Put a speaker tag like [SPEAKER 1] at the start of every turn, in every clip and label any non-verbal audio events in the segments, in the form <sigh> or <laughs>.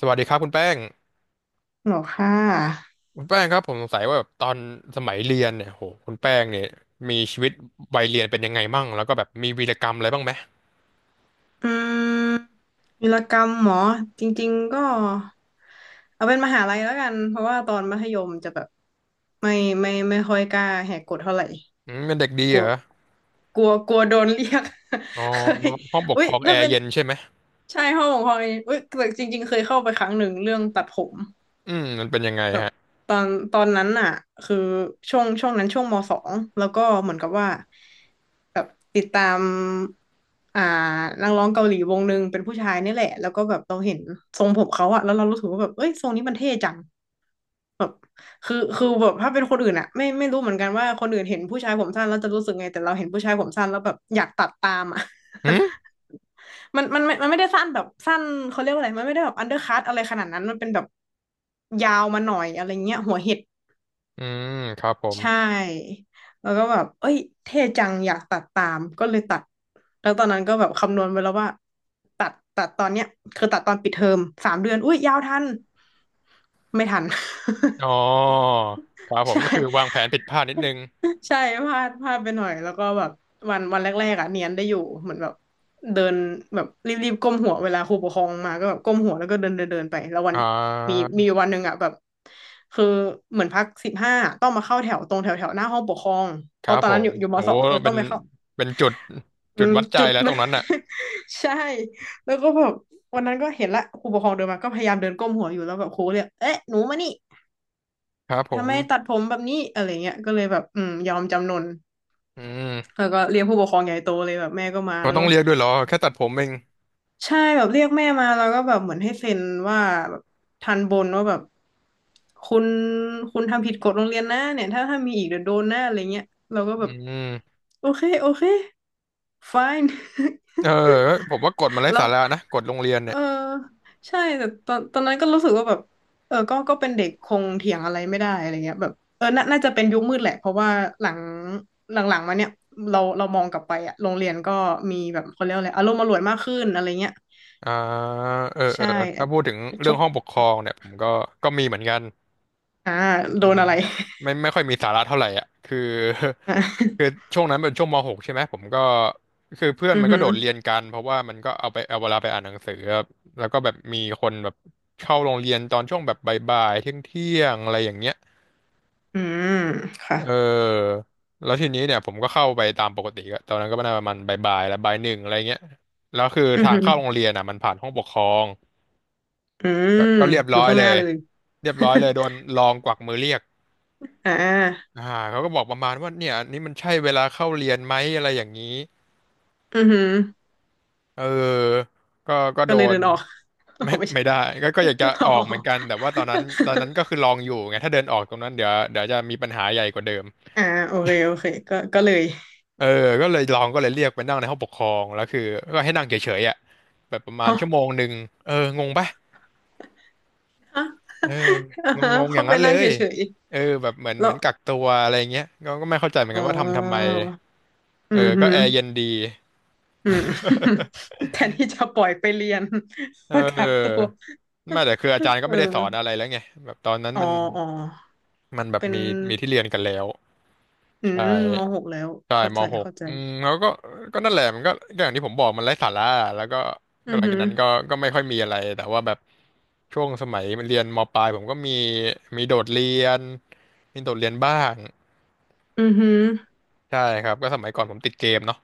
[SPEAKER 1] สวัสดีครับคุณแป้ง
[SPEAKER 2] หรอค่ะ
[SPEAKER 1] คุณแป้งครับผมสงสัยว่าแบบตอนสมัยเรียนเนี่ยโหคุณแป้งเนี่ยมีชีวิตวัยเรียนเป็นยังไงมั่งแล้วก็แบบมีวีรกรรมอะไรบ้างไหม
[SPEAKER 2] อืมวีรกรรมหมอจริงๆก็เอาเป็นมหาลัยแล้วกันเพราะว่าตอนมัธยมจะแบบไม่ไม่ค่อยกล้าแหกกฎเท่าไหร่
[SPEAKER 1] อืมเป็นเด็กดี
[SPEAKER 2] กลั
[SPEAKER 1] เหร
[SPEAKER 2] ว
[SPEAKER 1] อ
[SPEAKER 2] กลัวกลัวโดนเรียก
[SPEAKER 1] อ๋อ
[SPEAKER 2] <laughs> เคย
[SPEAKER 1] ห้องปก
[SPEAKER 2] อุ้
[SPEAKER 1] ค
[SPEAKER 2] ย
[SPEAKER 1] รองแอ
[SPEAKER 2] ถ้า
[SPEAKER 1] ร์
[SPEAKER 2] เป็น
[SPEAKER 1] เย็นใช่ไหม
[SPEAKER 2] ชายห้องของพลอยอุ้ยแต่จริงๆเคยเข้าไปครั้งหนึ่งเรื่องตัดผม
[SPEAKER 1] มันเป็นยังไง
[SPEAKER 2] แบบ
[SPEAKER 1] ฮะ
[SPEAKER 2] ตอนนั้นอ่ะคือช่วงนั้นช่วงมสองแล้วก็เหมือนกับว่าแบบติดตามอ่านักร้องเกาหลีวงหนึ่งเป็นผู้ชายนี่แหละแล้วก็แบบเราเห็นทรงผมเขาอะแล้วเรารู้สึกว่าแบบเอ้ยทรงนี้มันเท่จังแบบคือแบบถ้าเป็นคนอื่นอะไม่รู้เหมือนกันว่าคนอื่นเห็นผู้ชายผมสั้นแล้วจะรู้สึกไงแต่เราเห็นผู้ชายผมสั้นแล้วแบบอยากตัดตามอะ
[SPEAKER 1] อืม
[SPEAKER 2] <laughs> มันไม่ไม่ได้สั้นแบบสั้นเขาเรียกว่าอะไรมันไม่ได้แบบอันเดอร์คัตอะไรขนาดนั้นมันเป็นแบบยาวมาหน่อยอะไรเงี้ยหัวเห็ด
[SPEAKER 1] อืมครับผม
[SPEAKER 2] ใช่แล้วก็แบบเอ้ยเท่จังอยากตัดตามก็เลยตัดแล้วตอนนั้นก็แบบคำนวณไปแล้วว่าตัดตอนเนี้ยตัดตอนปิดเทอม3 เดือนอุ้ยยาวทันไม่ทัน <laughs>
[SPEAKER 1] อ๋อครับผม
[SPEAKER 2] ใช่
[SPEAKER 1] ก็คือวางแผนผิดพลาดนิดนึง
[SPEAKER 2] ใช่พลาดไปหน่อยแล้วก็แบบวันแรกๆอ่ะเนียนได้อยู่เหมือนแบบเดินแบบรีบๆก้มหัวเวลาครูปกครองมาก็แบบก้มหัวแล้วก็เดินเดินเดินไปแล้ววัน
[SPEAKER 1] อ่
[SPEAKER 2] มี
[SPEAKER 1] า
[SPEAKER 2] มีวันหนึ่งอ่ะแบบคือเหมือนพัก15ต้องมาเข้าแถวตรงแถวแถวหน้าห้องปกครอง
[SPEAKER 1] ค
[SPEAKER 2] เพ
[SPEAKER 1] รั
[SPEAKER 2] ราะ
[SPEAKER 1] บ
[SPEAKER 2] ตอน
[SPEAKER 1] ผ
[SPEAKER 2] นั้นอ
[SPEAKER 1] ม
[SPEAKER 2] ยู่อยู่ม
[SPEAKER 1] โห
[SPEAKER 2] สองเออต้
[SPEAKER 1] เป็
[SPEAKER 2] อง
[SPEAKER 1] น
[SPEAKER 2] ไปเข้า
[SPEAKER 1] เป็นจุด
[SPEAKER 2] อื
[SPEAKER 1] จุด
[SPEAKER 2] ม
[SPEAKER 1] วัดใจ
[SPEAKER 2] จุด
[SPEAKER 1] แล้ว
[SPEAKER 2] เล
[SPEAKER 1] ตร
[SPEAKER 2] ย
[SPEAKER 1] งนั้นน่ะ
[SPEAKER 2] <laughs> ใช่แล้วก็แบบวันนั้นก็เห็นละครูปกครองเดินมาก็พยายามเดินก้มหัวอยู่แล้วแบบครูเรียกเอ๊ะหนูมานี่
[SPEAKER 1] ครับผ
[SPEAKER 2] ทำไมตัด
[SPEAKER 1] ม
[SPEAKER 2] ผมแบบนี้อะไรเงี้ยก็เลยแบบยอมจำนน
[SPEAKER 1] อื
[SPEAKER 2] แล้
[SPEAKER 1] ม
[SPEAKER 2] วก็เรียกผู้ปกครองใหญ่โตเลยแบบแม่ก็มา
[SPEAKER 1] เรา
[SPEAKER 2] แล้ว
[SPEAKER 1] ต้อ
[SPEAKER 2] ก็
[SPEAKER 1] งเรียกด้วยเหรอแค่ตัดผมเอง
[SPEAKER 2] ใช่แบบเรียกแม่มาแล้วก็แบบเหมือนให้เซ็นว่าแบบทันบนว่าแบบคุณคุณทำผิดกฎโรงเรียนนะเนี่ยถ้ามีอีกเดี๋ยวโดนหน้าอะไรเงี้ยเราก็แบ
[SPEAKER 1] อื
[SPEAKER 2] บ
[SPEAKER 1] ม
[SPEAKER 2] โอเคโอเค fine <laughs>
[SPEAKER 1] เออผมว่ากฎมันไร้
[SPEAKER 2] แล้ว
[SPEAKER 1] สาระนะกฎโรงเรียน
[SPEAKER 2] เอ
[SPEAKER 1] เนี่
[SPEAKER 2] อ
[SPEAKER 1] ย
[SPEAKER 2] ใช่แต่ตอนนั้นก็รู้สึกว่าแบบเออก็เป็นเด็กคงเถียงอะไรไม่ได้อะไรเงี้ยแบบเออน่าจะเป็นยุคมืดแหละเพราะว่าหลังหลังๆมาเนี่ยเรามองกลับไปอะโรงเรียนก็มีแบบเขาเรียกอะไร อารมณ์อร่วยมากขึ้นอะไรเงี้ย
[SPEAKER 1] อ่าเออเออ
[SPEAKER 2] ใช่
[SPEAKER 1] ถ้าพูดถึง
[SPEAKER 2] ช
[SPEAKER 1] เรื่อง
[SPEAKER 2] ก
[SPEAKER 1] ห้องปกครองเนี่ยผมก็ก็มีเหมือนกัน
[SPEAKER 2] อ่า
[SPEAKER 1] เป็
[SPEAKER 2] โด
[SPEAKER 1] น
[SPEAKER 2] นอะไร <laughs>
[SPEAKER 1] ไม่ค่อยมีสาระเท่าไหร่อ่ะคือ
[SPEAKER 2] อ่
[SPEAKER 1] <laughs> คือ
[SPEAKER 2] า
[SPEAKER 1] ช่วงนั้นเป็นช่วงม .6 ใช่ไหมผมก็คือเพื่อน
[SPEAKER 2] อือ
[SPEAKER 1] มันก็
[SPEAKER 2] หื
[SPEAKER 1] โด
[SPEAKER 2] อ
[SPEAKER 1] ดเรียนกันเพราะว่ามันก็เอาไปเอาเวลาไปอ่านหนังสือครับแล้วก็แบบมีคนแบบเข้าโรงเรียนตอนช่วงแบบบ่ายๆเที่ยงเที่ยงอะไรอย่างเงี้ย
[SPEAKER 2] อืมค่ะ
[SPEAKER 1] เออแล้วทีนี้เนี่ยผมก็เข้าไปตามปกติก็ตอนนั้นก็น่าประมาณบ่ายๆแล้วบ่ายหนึ่งอะไรเงี้ยแล้วคือ
[SPEAKER 2] อือ
[SPEAKER 1] ทาง
[SPEAKER 2] หือ
[SPEAKER 1] เข้าโรงเรียนอ่ะมันผ่านห้องปกครอง
[SPEAKER 2] อื
[SPEAKER 1] ก็
[SPEAKER 2] ม
[SPEAKER 1] ก็เรียบ
[SPEAKER 2] อ
[SPEAKER 1] ร้
[SPEAKER 2] ยู่
[SPEAKER 1] อย
[SPEAKER 2] ข้างห
[SPEAKER 1] เล
[SPEAKER 2] น้า
[SPEAKER 1] ย
[SPEAKER 2] เลย
[SPEAKER 1] เรียบร้อยเลยโดน
[SPEAKER 2] <laughs>
[SPEAKER 1] รองกวักมือเรียก
[SPEAKER 2] อ่า
[SPEAKER 1] อ่าเขาก็บอกประมาณว่าเนี่ยอันนี่มันใช่เวลาเข้าเรียนไหมอะไรอย่างนี้
[SPEAKER 2] อือหือ
[SPEAKER 1] เออก็
[SPEAKER 2] ก็
[SPEAKER 1] โด
[SPEAKER 2] เลย
[SPEAKER 1] น
[SPEAKER 2] เดินออก <laughs> อ๋อ
[SPEAKER 1] <laughs> ไม่
[SPEAKER 2] ไม่ใช่
[SPEAKER 1] ไม่ได้ก็อยากจะ
[SPEAKER 2] อ๋
[SPEAKER 1] อ
[SPEAKER 2] อ
[SPEAKER 1] อ
[SPEAKER 2] <laughs>
[SPEAKER 1] กเหมือนกันแต่ว่าตอนนั้นก็คือลองอยู่ไงถ้าเดินออกตรงนั้นเดี๋ยวจะมีปัญหาใหญ่กว่าเดิม
[SPEAKER 2] อ่าโอเคโอเคก็เลย <laughs>
[SPEAKER 1] เออก็เลยลองก็เลยเรียกไปนั่งในห้องปกครองแล้วคือก็ให้นั่งเฉยๆอ่ะแบบประมาณ
[SPEAKER 2] ฮะ
[SPEAKER 1] ชั่วโมงหนึ่งเอองงปะ
[SPEAKER 2] ฮะ
[SPEAKER 1] เอองงงๆอ
[SPEAKER 2] เข้า
[SPEAKER 1] ย่าง
[SPEAKER 2] ไป
[SPEAKER 1] นั้นเล
[SPEAKER 2] นั่งเฉ
[SPEAKER 1] ย
[SPEAKER 2] ย
[SPEAKER 1] เออแบบเหมือน
[SPEAKER 2] ๆแล้
[SPEAKER 1] เหมื
[SPEAKER 2] ว
[SPEAKER 1] อนกักตัวอะไรเงี้ยก็ไม่เข้าใจเหมือน
[SPEAKER 2] อ๋
[SPEAKER 1] กันว่าทำไม
[SPEAKER 2] ออื
[SPEAKER 1] เอ
[SPEAKER 2] ม
[SPEAKER 1] อ
[SPEAKER 2] ฮึ
[SPEAKER 1] ก็แอร์เย็นดี
[SPEAKER 2] อืม <laughs> แทนที่จะปล่อยไปเรียน <laughs>
[SPEAKER 1] เ
[SPEAKER 2] ก็กักตัว
[SPEAKER 1] ออไม่แต่คืออาจารย์
[SPEAKER 2] <laughs>
[SPEAKER 1] ก็
[SPEAKER 2] เออ
[SPEAKER 1] ไม่ได้สอนอะไรแล้วไงแบบตอนนั้น
[SPEAKER 2] อ๋อ
[SPEAKER 1] มัน
[SPEAKER 2] อ๋อ
[SPEAKER 1] มันแบบ
[SPEAKER 2] เป็น
[SPEAKER 1] มีมีที่เรียนกันแล้ว
[SPEAKER 2] อื
[SPEAKER 1] ใช่
[SPEAKER 2] มมหกแล้ว
[SPEAKER 1] ใช่
[SPEAKER 2] เข้า
[SPEAKER 1] ม
[SPEAKER 2] ใจ
[SPEAKER 1] หก
[SPEAKER 2] เข้าใจ
[SPEAKER 1] อืมแล้วก็ก็นั่นแหละมันก็ก็อย่างที่ผมบอกมันไร้สาระอะแล้วก็ก็
[SPEAKER 2] อื
[SPEAKER 1] ห
[SPEAKER 2] อ
[SPEAKER 1] ลัง
[SPEAKER 2] หื
[SPEAKER 1] จาก
[SPEAKER 2] อ
[SPEAKER 1] นั้นก็ก็ไม่ค่อยมีอะไรแต่ว่าแบบช่วงสมัยเรียนมปลายผมก็มีมีโดดเรียนมีโดดเรียนบ้าง
[SPEAKER 2] อือหือ
[SPEAKER 1] ใช่ครับก็สมัยก่อนผมติดเกมเนาะ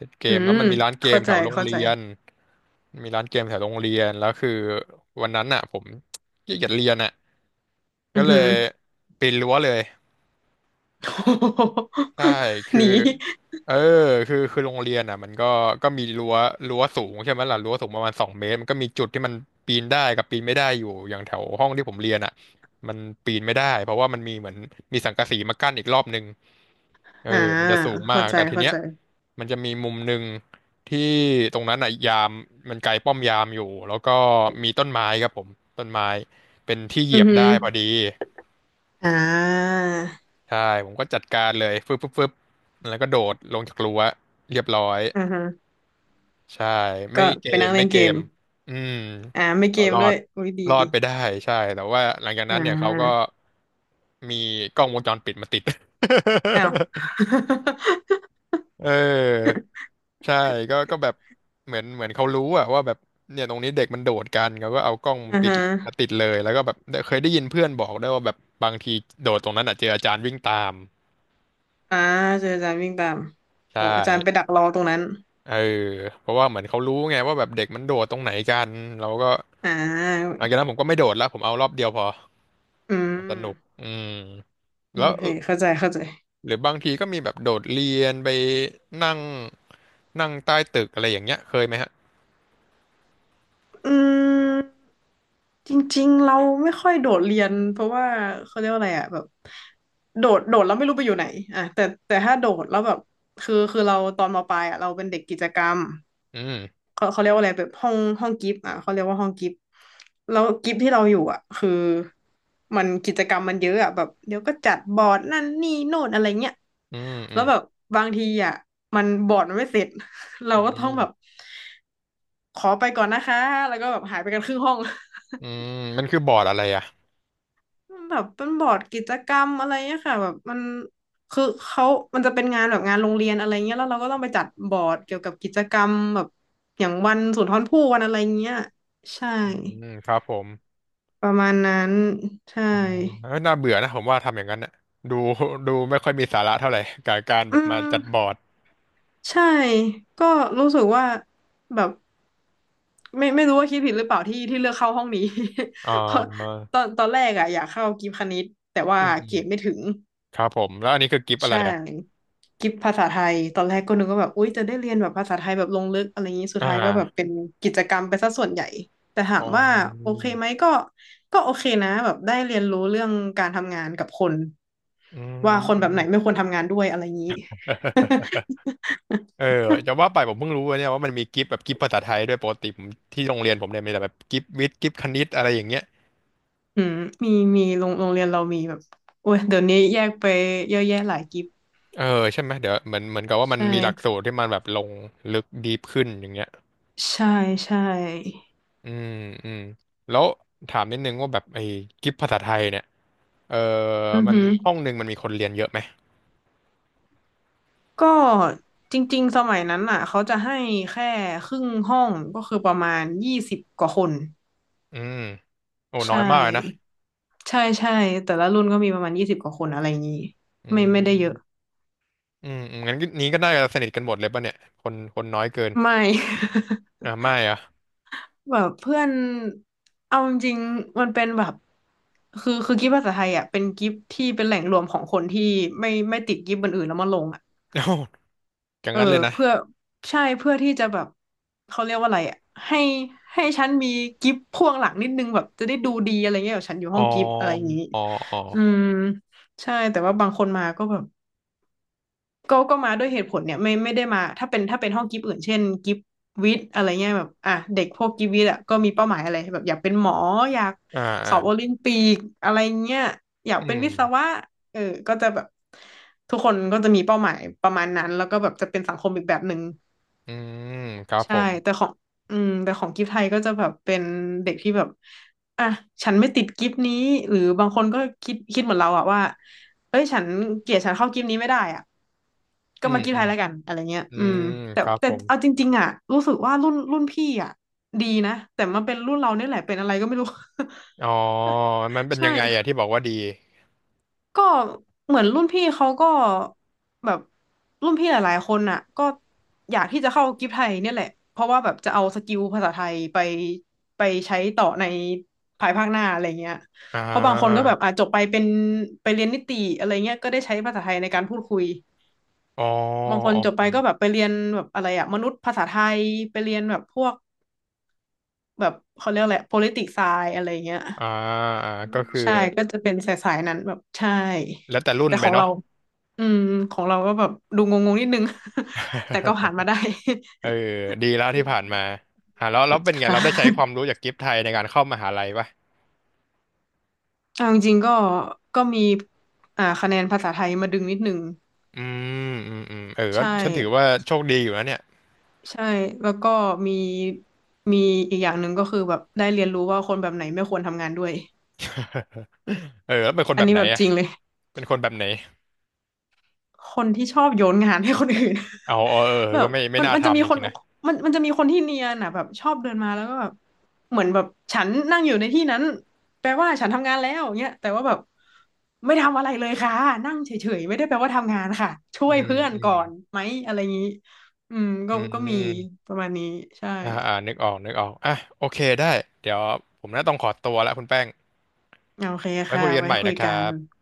[SPEAKER 1] ติดเก
[SPEAKER 2] อื
[SPEAKER 1] มแล้
[SPEAKER 2] ม
[SPEAKER 1] วมันมีร้านเก
[SPEAKER 2] เข้า
[SPEAKER 1] มแถ
[SPEAKER 2] ใจ
[SPEAKER 1] วโรง
[SPEAKER 2] เข้าใจ
[SPEAKER 1] เรียนมีร้านเกมแถวโรงเรียนแล้วคือวันนั้นอ่ะผมขี้เกียจเรียนอ่ะก็
[SPEAKER 2] อือ
[SPEAKER 1] เล
[SPEAKER 2] หื
[SPEAKER 1] ย
[SPEAKER 2] อ
[SPEAKER 1] ปีนรั้วเลย
[SPEAKER 2] โอ้โห
[SPEAKER 1] ใช่
[SPEAKER 2] <laughs> ห
[SPEAKER 1] คือ
[SPEAKER 2] นี
[SPEAKER 1] เออคือโรงเรียนอ่ะมันก็ก็มีรั้วรั้วสูงใช่ไหมล่ะรั้วสูงประมาณสองเมตรมันก็มีจุดที่มันปีนได้กับปีนไม่ได้อยู่ อย่างแถวห้องที่ผมเรียนอ่ะมันปีนไม่ได้เพราะว่ามันมีเหมือนมีสังกะสีมากั้นอีกรอบนึงเออ
[SPEAKER 2] อ่า
[SPEAKER 1] มันจะสูงมา
[SPEAKER 2] เข้า
[SPEAKER 1] ก
[SPEAKER 2] ใจ
[SPEAKER 1] แต่ที
[SPEAKER 2] เข้า
[SPEAKER 1] เนี้ย
[SPEAKER 2] ใจ
[SPEAKER 1] มันจะมีมุมหนึ่งที่ตรงนั้นอ่ะยามมันไกลป้อมยามอยู่ แล้วก็มีต้นไม้ครับผมต้นไม้เป็นที่เห
[SPEAKER 2] อื
[SPEAKER 1] ยีย
[SPEAKER 2] อ
[SPEAKER 1] บ
[SPEAKER 2] หื
[SPEAKER 1] ได้
[SPEAKER 2] อ
[SPEAKER 1] พอดี
[SPEAKER 2] อ่า
[SPEAKER 1] ใช่ผมก็จัดการเลยฟึบฟึบฟึบแล้วก็โดดลงจากรั้วเรียบร้อย
[SPEAKER 2] อ่าฮะ
[SPEAKER 1] ใช่ไม่
[SPEAKER 2] ก็
[SPEAKER 1] เก
[SPEAKER 2] ไป
[SPEAKER 1] ม
[SPEAKER 2] นั่ง
[SPEAKER 1] ไม่
[SPEAKER 2] เล่น
[SPEAKER 1] เก
[SPEAKER 2] เกม
[SPEAKER 1] มอืม
[SPEAKER 2] อ่าไม่เก
[SPEAKER 1] ก็
[SPEAKER 2] ม
[SPEAKER 1] รอ
[SPEAKER 2] ด้ว
[SPEAKER 1] ด
[SPEAKER 2] ยอุ้ยดี
[SPEAKER 1] รอ
[SPEAKER 2] ดี
[SPEAKER 1] ดไปได้ใช่แต่ว่าหลังจาก
[SPEAKER 2] อ่
[SPEAKER 1] นั้นเนี่ยเขาก็
[SPEAKER 2] า
[SPEAKER 1] มีกล้องวงจรปิดมาติด
[SPEAKER 2] อ้าว
[SPEAKER 1] <laughs> เออ
[SPEAKER 2] <laughs>
[SPEAKER 1] ใช่ก็ก็แบบเหมือนเขารู้อะว่าแบบเนี่ยตรงนี้เด็กมันโดดกันเขาก็เอากล้อง
[SPEAKER 2] อ่า
[SPEAKER 1] ปิด
[SPEAKER 2] ฮะ
[SPEAKER 1] มาติดเลยแล้วก็แบบเคยได้ยินเพื่อนบอกได้วยว่าแบบบางทีโดดตรงนั้นอะเจออาจารย์วิ่งตาม
[SPEAKER 2] อ่าเจออาจารย์วิ่งตาม
[SPEAKER 1] ใช่
[SPEAKER 2] โอ้อาจารย์ไปดักรอตรงนั้น
[SPEAKER 1] เออเพราะว่าเหมือนเขารู้ไงว่าแบบเด็กมันโดดตรงไหนกันเราก็
[SPEAKER 2] อ่า
[SPEAKER 1] หลังจากนั้นผมก็ไม่โดดแล้วผมเอารอบเดียวพอ
[SPEAKER 2] อื
[SPEAKER 1] เอา
[SPEAKER 2] ม
[SPEAKER 1] สนุกอืม
[SPEAKER 2] โอ
[SPEAKER 1] แล้ว
[SPEAKER 2] เคเข้าใจเข้าใจ
[SPEAKER 1] หรือบางทีก็มีแบบโดดเรียนไปนั่งนั่งใต้ตึกอะไรอย่างเงี้ยเคยไหมฮะ
[SPEAKER 2] อืมจริงๆเราไม่ค่อยโดดเรียนเพราะว่าเขาเรียกว่าอะไรอ่ะแบบโดดแล้วไม่รู้ไปอยู่ไหนอ่ะแต่ถ้าโดดแล้วแบบคือเราตอนมปลายอ่ะเราเป็นเด็กกิจกรรม
[SPEAKER 1] อืม
[SPEAKER 2] เขาเรียกว่าอะไรแบบห้องกิฟต์อ่ะเขาเรียกว่าห้องกิฟต์แล้วกิฟต์ที่เราอยู่อ่ะคือมันกิจกรรมมันเยอะอ่ะแบบเดี๋ยวก็จัดบอร์ดนั่นนี่โน่นอะไรเงี้ย
[SPEAKER 1] อืมอื
[SPEAKER 2] แล้ว
[SPEAKER 1] ม
[SPEAKER 2] แบบบางทีอ่ะมันบอร์ดมันไม่เสร็จ <laughs> เรา
[SPEAKER 1] อื
[SPEAKER 2] ก็ต้องแบบ
[SPEAKER 1] ม
[SPEAKER 2] ขอไปก่อนนะคะแล้วก็แบบหายไปกันครึ่งห้อง
[SPEAKER 1] อื
[SPEAKER 2] <laughs>
[SPEAKER 1] มมันคือบอร์ดอะไรอ่ะ
[SPEAKER 2] มันแบบเป็นบอร์ดกิจกรรมอะไรเงี้ยค่ะแบบมันคือเขามันจะเป็นงานแบบงานโรงเรียนอะไรเงี้ยแล้วเราก็ต้องไปจัดบอร์ดเกี่ยวกับกิจกรรมแบบอย่างวันสุนทรภู่วันอะไรเงี้ยใช่
[SPEAKER 1] อืครับผม
[SPEAKER 2] ประมาณนั้นใช่
[SPEAKER 1] อ๋อเอ้ยน่าเบื่อนะผมว่าทำอย่างนั้นน่ะดูดูไม่ค่อยมีสาระเท่าไหร่กับการแบ
[SPEAKER 2] อื
[SPEAKER 1] บมาจัดบอ
[SPEAKER 2] ม
[SPEAKER 1] ร์ด
[SPEAKER 2] ใช่ก็รู้สึกว่าแบบไม่รู้ว่าคิดผิดหรือเปล่าที่ที่เลือกเข้าห้องนี้
[SPEAKER 1] อ่
[SPEAKER 2] <laughs> เพราะ
[SPEAKER 1] า
[SPEAKER 2] ตอนแรกอะอยากเข้ากีฬาคณิตแต่ว่า
[SPEAKER 1] อืมอื
[SPEAKER 2] เกร
[SPEAKER 1] ม
[SPEAKER 2] ดไม่ถึง
[SPEAKER 1] ครับผมแล้วอันนี้คือกิฟต์อะไร
[SPEAKER 2] ใช่
[SPEAKER 1] อ่ะ
[SPEAKER 2] กิฟภาษาไทยตอนแรกก็นึกว่าแบบอุ๊ยจะได้เรียนแบบภาษาไทยแบบลงลึกอะไรอย่างนี้สุด
[SPEAKER 1] อ่า
[SPEAKER 2] ท้ายก็แบบเป็นกิจกรรมไปซะส่วนใหญ่แต่ถา
[SPEAKER 1] อ๋อ
[SPEAKER 2] มว่าโอเคไหมก็ก็โอเคนะแบบได้เรียนรู้เรื่องการทำงานกับคน
[SPEAKER 1] อืม
[SPEAKER 2] ว่า
[SPEAKER 1] <laughs>
[SPEAKER 2] คน
[SPEAKER 1] อื
[SPEAKER 2] แบบ
[SPEAKER 1] ม
[SPEAKER 2] ไหนไม่ควรทำงานด้วยอะไรอย่างนี้
[SPEAKER 1] เออจะว่าไปผมเพิ่งรู้ว่าเนี่ยว่ามันมีกิฟต์แบบกิฟต์ภาษาไทยด้วยปกติผมที่โรงเรียนผมเนี่ยมีแต่แบบกิฟต์วิทย์กิฟต์คณิตอะไรอย่างเงี้ย
[SPEAKER 2] <laughs> อืมมีมีโรงเรียนเรามีแบบโอ้ยเดี๋ยวนี้แยกไปเยอะแยะหลายกิฟ
[SPEAKER 1] เออใช่ไหมเดี๋ยวเหมือนกับว่า
[SPEAKER 2] ใช
[SPEAKER 1] มันมีหลักสู
[SPEAKER 2] ่
[SPEAKER 1] ตรที่มันแบบลงลึกดีฟขึ้นอย่างเงี้ย
[SPEAKER 2] ใช่ใช่
[SPEAKER 1] อืมอืมแล้วถามนิดนึงว่าแบบไอ้กิฟต์ภาษาไทยเนี่ยเออ
[SPEAKER 2] อือ
[SPEAKER 1] มัน
[SPEAKER 2] หือ
[SPEAKER 1] ห้องหนึ่งมันมีคนเรียนเยอะไหม
[SPEAKER 2] ก็จริงๆสมัยนั้นอ่ะเขาจะให้แค่ครึ่งห้องก็คือประมาณยี่สิบกว่าคน
[SPEAKER 1] อืมโอ้
[SPEAKER 2] ใช
[SPEAKER 1] น้อยมากเลยนะ
[SPEAKER 2] ่ใช่ใช่แต่ละรุ่นก็มีประมาณยี่สิบกว่าคนอะไรอย่างนี้
[SPEAKER 1] อื
[SPEAKER 2] ไม่ได้เย
[SPEAKER 1] ม
[SPEAKER 2] อะ
[SPEAKER 1] งั้นนี้ก็น่าจะสนิทกันหมดเลยป่ะเนี่ยคนน้อยเกิน
[SPEAKER 2] ไม่
[SPEAKER 1] อ่ะไม่อ่ะ
[SPEAKER 2] <laughs> แบบเพื่อนเอาจริงๆมันเป็นแบบคือกิฟต์ภาษาไทยอ่ะเป็นกิฟต์ที่เป็นแหล่งรวมของคนที่ไม่ติดกิฟต์บนอื่นแล้วมาลง
[SPEAKER 1] <laughs> อย่าง
[SPEAKER 2] เออ
[SPEAKER 1] นั้นเลยนะ
[SPEAKER 2] เพื่อใช่เพื่อที่จะแบบเขาเรียกว่าอะไรอ่ะให้ให้ฉันมีกิฟต์พ่วงหลังนิดนึงแบบจะได้ดูดีอะไรเงี้ยแบบฉันอยู่
[SPEAKER 1] อ๋
[SPEAKER 2] ห้
[SPEAKER 1] อ
[SPEAKER 2] องกิฟต์อะไรอย่างนี้
[SPEAKER 1] อ๋ออ๋อ
[SPEAKER 2] อืมใช่แต่ว่าบางคนมาก็แบบก็มาด้วยเหตุผลเนี่ยไม่ได้มาถ้าเป็นห้องกิฟต์อื่นเช่นกิฟต์วิทย์อะไรเงี้ยแบบอ่ะเด็กพวกกิฟต์วิทย์อ่ะก็มีเป้าหมายอะไรแบบอยากเป็นหมออยาก
[SPEAKER 1] อ่า
[SPEAKER 2] ส
[SPEAKER 1] อ่า
[SPEAKER 2] อบโอลิมปิกอะไรเงี้ยอยาก
[SPEAKER 1] อื
[SPEAKER 2] เป็นวิศ
[SPEAKER 1] ม
[SPEAKER 2] วะเออก็จะแบบทุกคนก็จะมีเป้าหมายประมาณนั้นแล้วก็แบบจะเป็นสังคมอีกแบบหนึ่ง
[SPEAKER 1] อืมครับผ
[SPEAKER 2] ใช่
[SPEAKER 1] ม
[SPEAKER 2] แต่ของอืมแต่ของกิฟต์ไทยก็จะแบบเป็นเด็กที่แบบ อ่ะฉันไม่ติดกิฟต์นี้หรือบางคนก็คิดเหมือนเราอะว่าเอ้ยฉันเกลียดฉันเข้ากิฟต์นี้ไม่ได้อะก็
[SPEAKER 1] อืม
[SPEAKER 2] มากิฟต์
[SPEAKER 1] อื
[SPEAKER 2] ไท
[SPEAKER 1] ม
[SPEAKER 2] ยแล้วกันอะไรเงี้ย
[SPEAKER 1] อื
[SPEAKER 2] อืม
[SPEAKER 1] ม
[SPEAKER 2] แต่
[SPEAKER 1] ครับ
[SPEAKER 2] แต่
[SPEAKER 1] ผม
[SPEAKER 2] เอาจริงๆอะรู้สึกว่ารุ่นพี่อะดีนะแต่มาเป็นรุ่นเราเนี่ยแหละเป็นอะไรก็ไม่รู้
[SPEAKER 1] อ๋อมันเป็
[SPEAKER 2] <laughs>
[SPEAKER 1] น
[SPEAKER 2] ใช่
[SPEAKER 1] ยังไงอะที่บอกว่าดี
[SPEAKER 2] ก็เหมือนรุ่นพี่เขาก็แบบรุ่นพี่หลายๆคนน่ะก็อยากที่จะเข้ากิฟไทยเนี่ยแหละเพราะว่าแบบจะเอาสกิลภาษาไทยไปใช้ต่อในภายภาคหน้าอะไรเงี้ย
[SPEAKER 1] อ่
[SPEAKER 2] เพราะบางคนก็
[SPEAKER 1] า
[SPEAKER 2] แบบอ่ะจบไปเป็นไปเรียนนิติอะไรเงี้ยก็ได้ใช้ภาษาไทยในการพูดคุย
[SPEAKER 1] อ๋อ
[SPEAKER 2] บางคน
[SPEAKER 1] อ๋
[SPEAKER 2] จบไป
[SPEAKER 1] อ
[SPEAKER 2] ก็แบบไปเรียนแบบอะไรอะมนุษยภาษาไทยไปเรียนแบบพวกแบบเขาเรียกอะไร politics science อะไรเงี้ย
[SPEAKER 1] อ่าอ่าก็คือ
[SPEAKER 2] ใช่ก็จะเป็นสายๆนั้นแบบใช่
[SPEAKER 1] แล้วแต่รุ่น
[SPEAKER 2] แต่
[SPEAKER 1] ไป
[SPEAKER 2] ของ
[SPEAKER 1] เนาะ
[SPEAKER 2] เรา อืมของเราก็แบบดูงงๆนิดนึง <laughs> แต่ก็ผ่าน
[SPEAKER 1] <laughs>
[SPEAKER 2] มาได้
[SPEAKER 1] เออดีแล้ว
[SPEAKER 2] <laughs> อื
[SPEAKER 1] ที่ผ่าน
[SPEAKER 2] ม
[SPEAKER 1] มาอ่าแล้วแล้วเป็
[SPEAKER 2] <laughs>
[SPEAKER 1] นไง
[SPEAKER 2] ค่ะ
[SPEAKER 1] เราได้ใช้ความรู้จากกิฟต์ไทยในการเข้ามหาลัยปะ
[SPEAKER 2] เอาจริงๆก็ก็มีอ่าคะแนนภาษาไทยมาดึงนิดนึง
[SPEAKER 1] อืเออก็
[SPEAKER 2] ใช่
[SPEAKER 1] ฉันถือว่าโชคดีอยู่นะเนี่ย
[SPEAKER 2] ใช่แล้วก็มีมีอีกอย่างหนึ่งก็คือแบบได้เรียนรู้ว่าคนแบบไหนไม่ควรทำงานด้วย
[SPEAKER 1] เออแล้วเป็นคน
[SPEAKER 2] อั
[SPEAKER 1] แบ
[SPEAKER 2] น
[SPEAKER 1] บ
[SPEAKER 2] นี้
[SPEAKER 1] ไหน
[SPEAKER 2] แบบ
[SPEAKER 1] อะ
[SPEAKER 2] จริงเลย
[SPEAKER 1] เป็นคนแบบไหน
[SPEAKER 2] คนที่ชอบโยนงานให้คนอื่น
[SPEAKER 1] เอาเออเออ
[SPEAKER 2] <laughs> แบ
[SPEAKER 1] ก็
[SPEAKER 2] บ
[SPEAKER 1] ไม่
[SPEAKER 2] มัน
[SPEAKER 1] น่า
[SPEAKER 2] มันจะมี
[SPEAKER 1] ทำจ
[SPEAKER 2] คน
[SPEAKER 1] ริงๆนะ
[SPEAKER 2] มันจะมีคนที่เนียนอ่ะแบบชอบเดินมาแล้วก็แบบเหมือนแบบฉันนั่งอยู่ในที่นั้นแปลว่าฉันทำงานแล้วเงี้ยแต่ว่าแบบไม่ทำอะไรเลยค่ะนั่งเฉยๆไม่ได้แปลว่าทำงานค่ะช่
[SPEAKER 1] อื
[SPEAKER 2] วย
[SPEAKER 1] ม
[SPEAKER 2] เพื่อน
[SPEAKER 1] อื
[SPEAKER 2] ก่อ
[SPEAKER 1] ม
[SPEAKER 2] นไหมอะไรอย่างนี้อืมก็
[SPEAKER 1] อื
[SPEAKER 2] ก็มี
[SPEAKER 1] ม
[SPEAKER 2] ประมาณนี้ใช่
[SPEAKER 1] นึกออกอ่ะโอเคได้เดี๋ยวผมน่าต้องขอตัวละคุณแป้ง
[SPEAKER 2] โอเค
[SPEAKER 1] ไว้
[SPEAKER 2] ค่ะ
[SPEAKER 1] คุยกัน
[SPEAKER 2] ไว้
[SPEAKER 1] ใหม่
[SPEAKER 2] คุ
[SPEAKER 1] นะ
[SPEAKER 2] ย
[SPEAKER 1] ครั
[SPEAKER 2] กัน
[SPEAKER 1] บ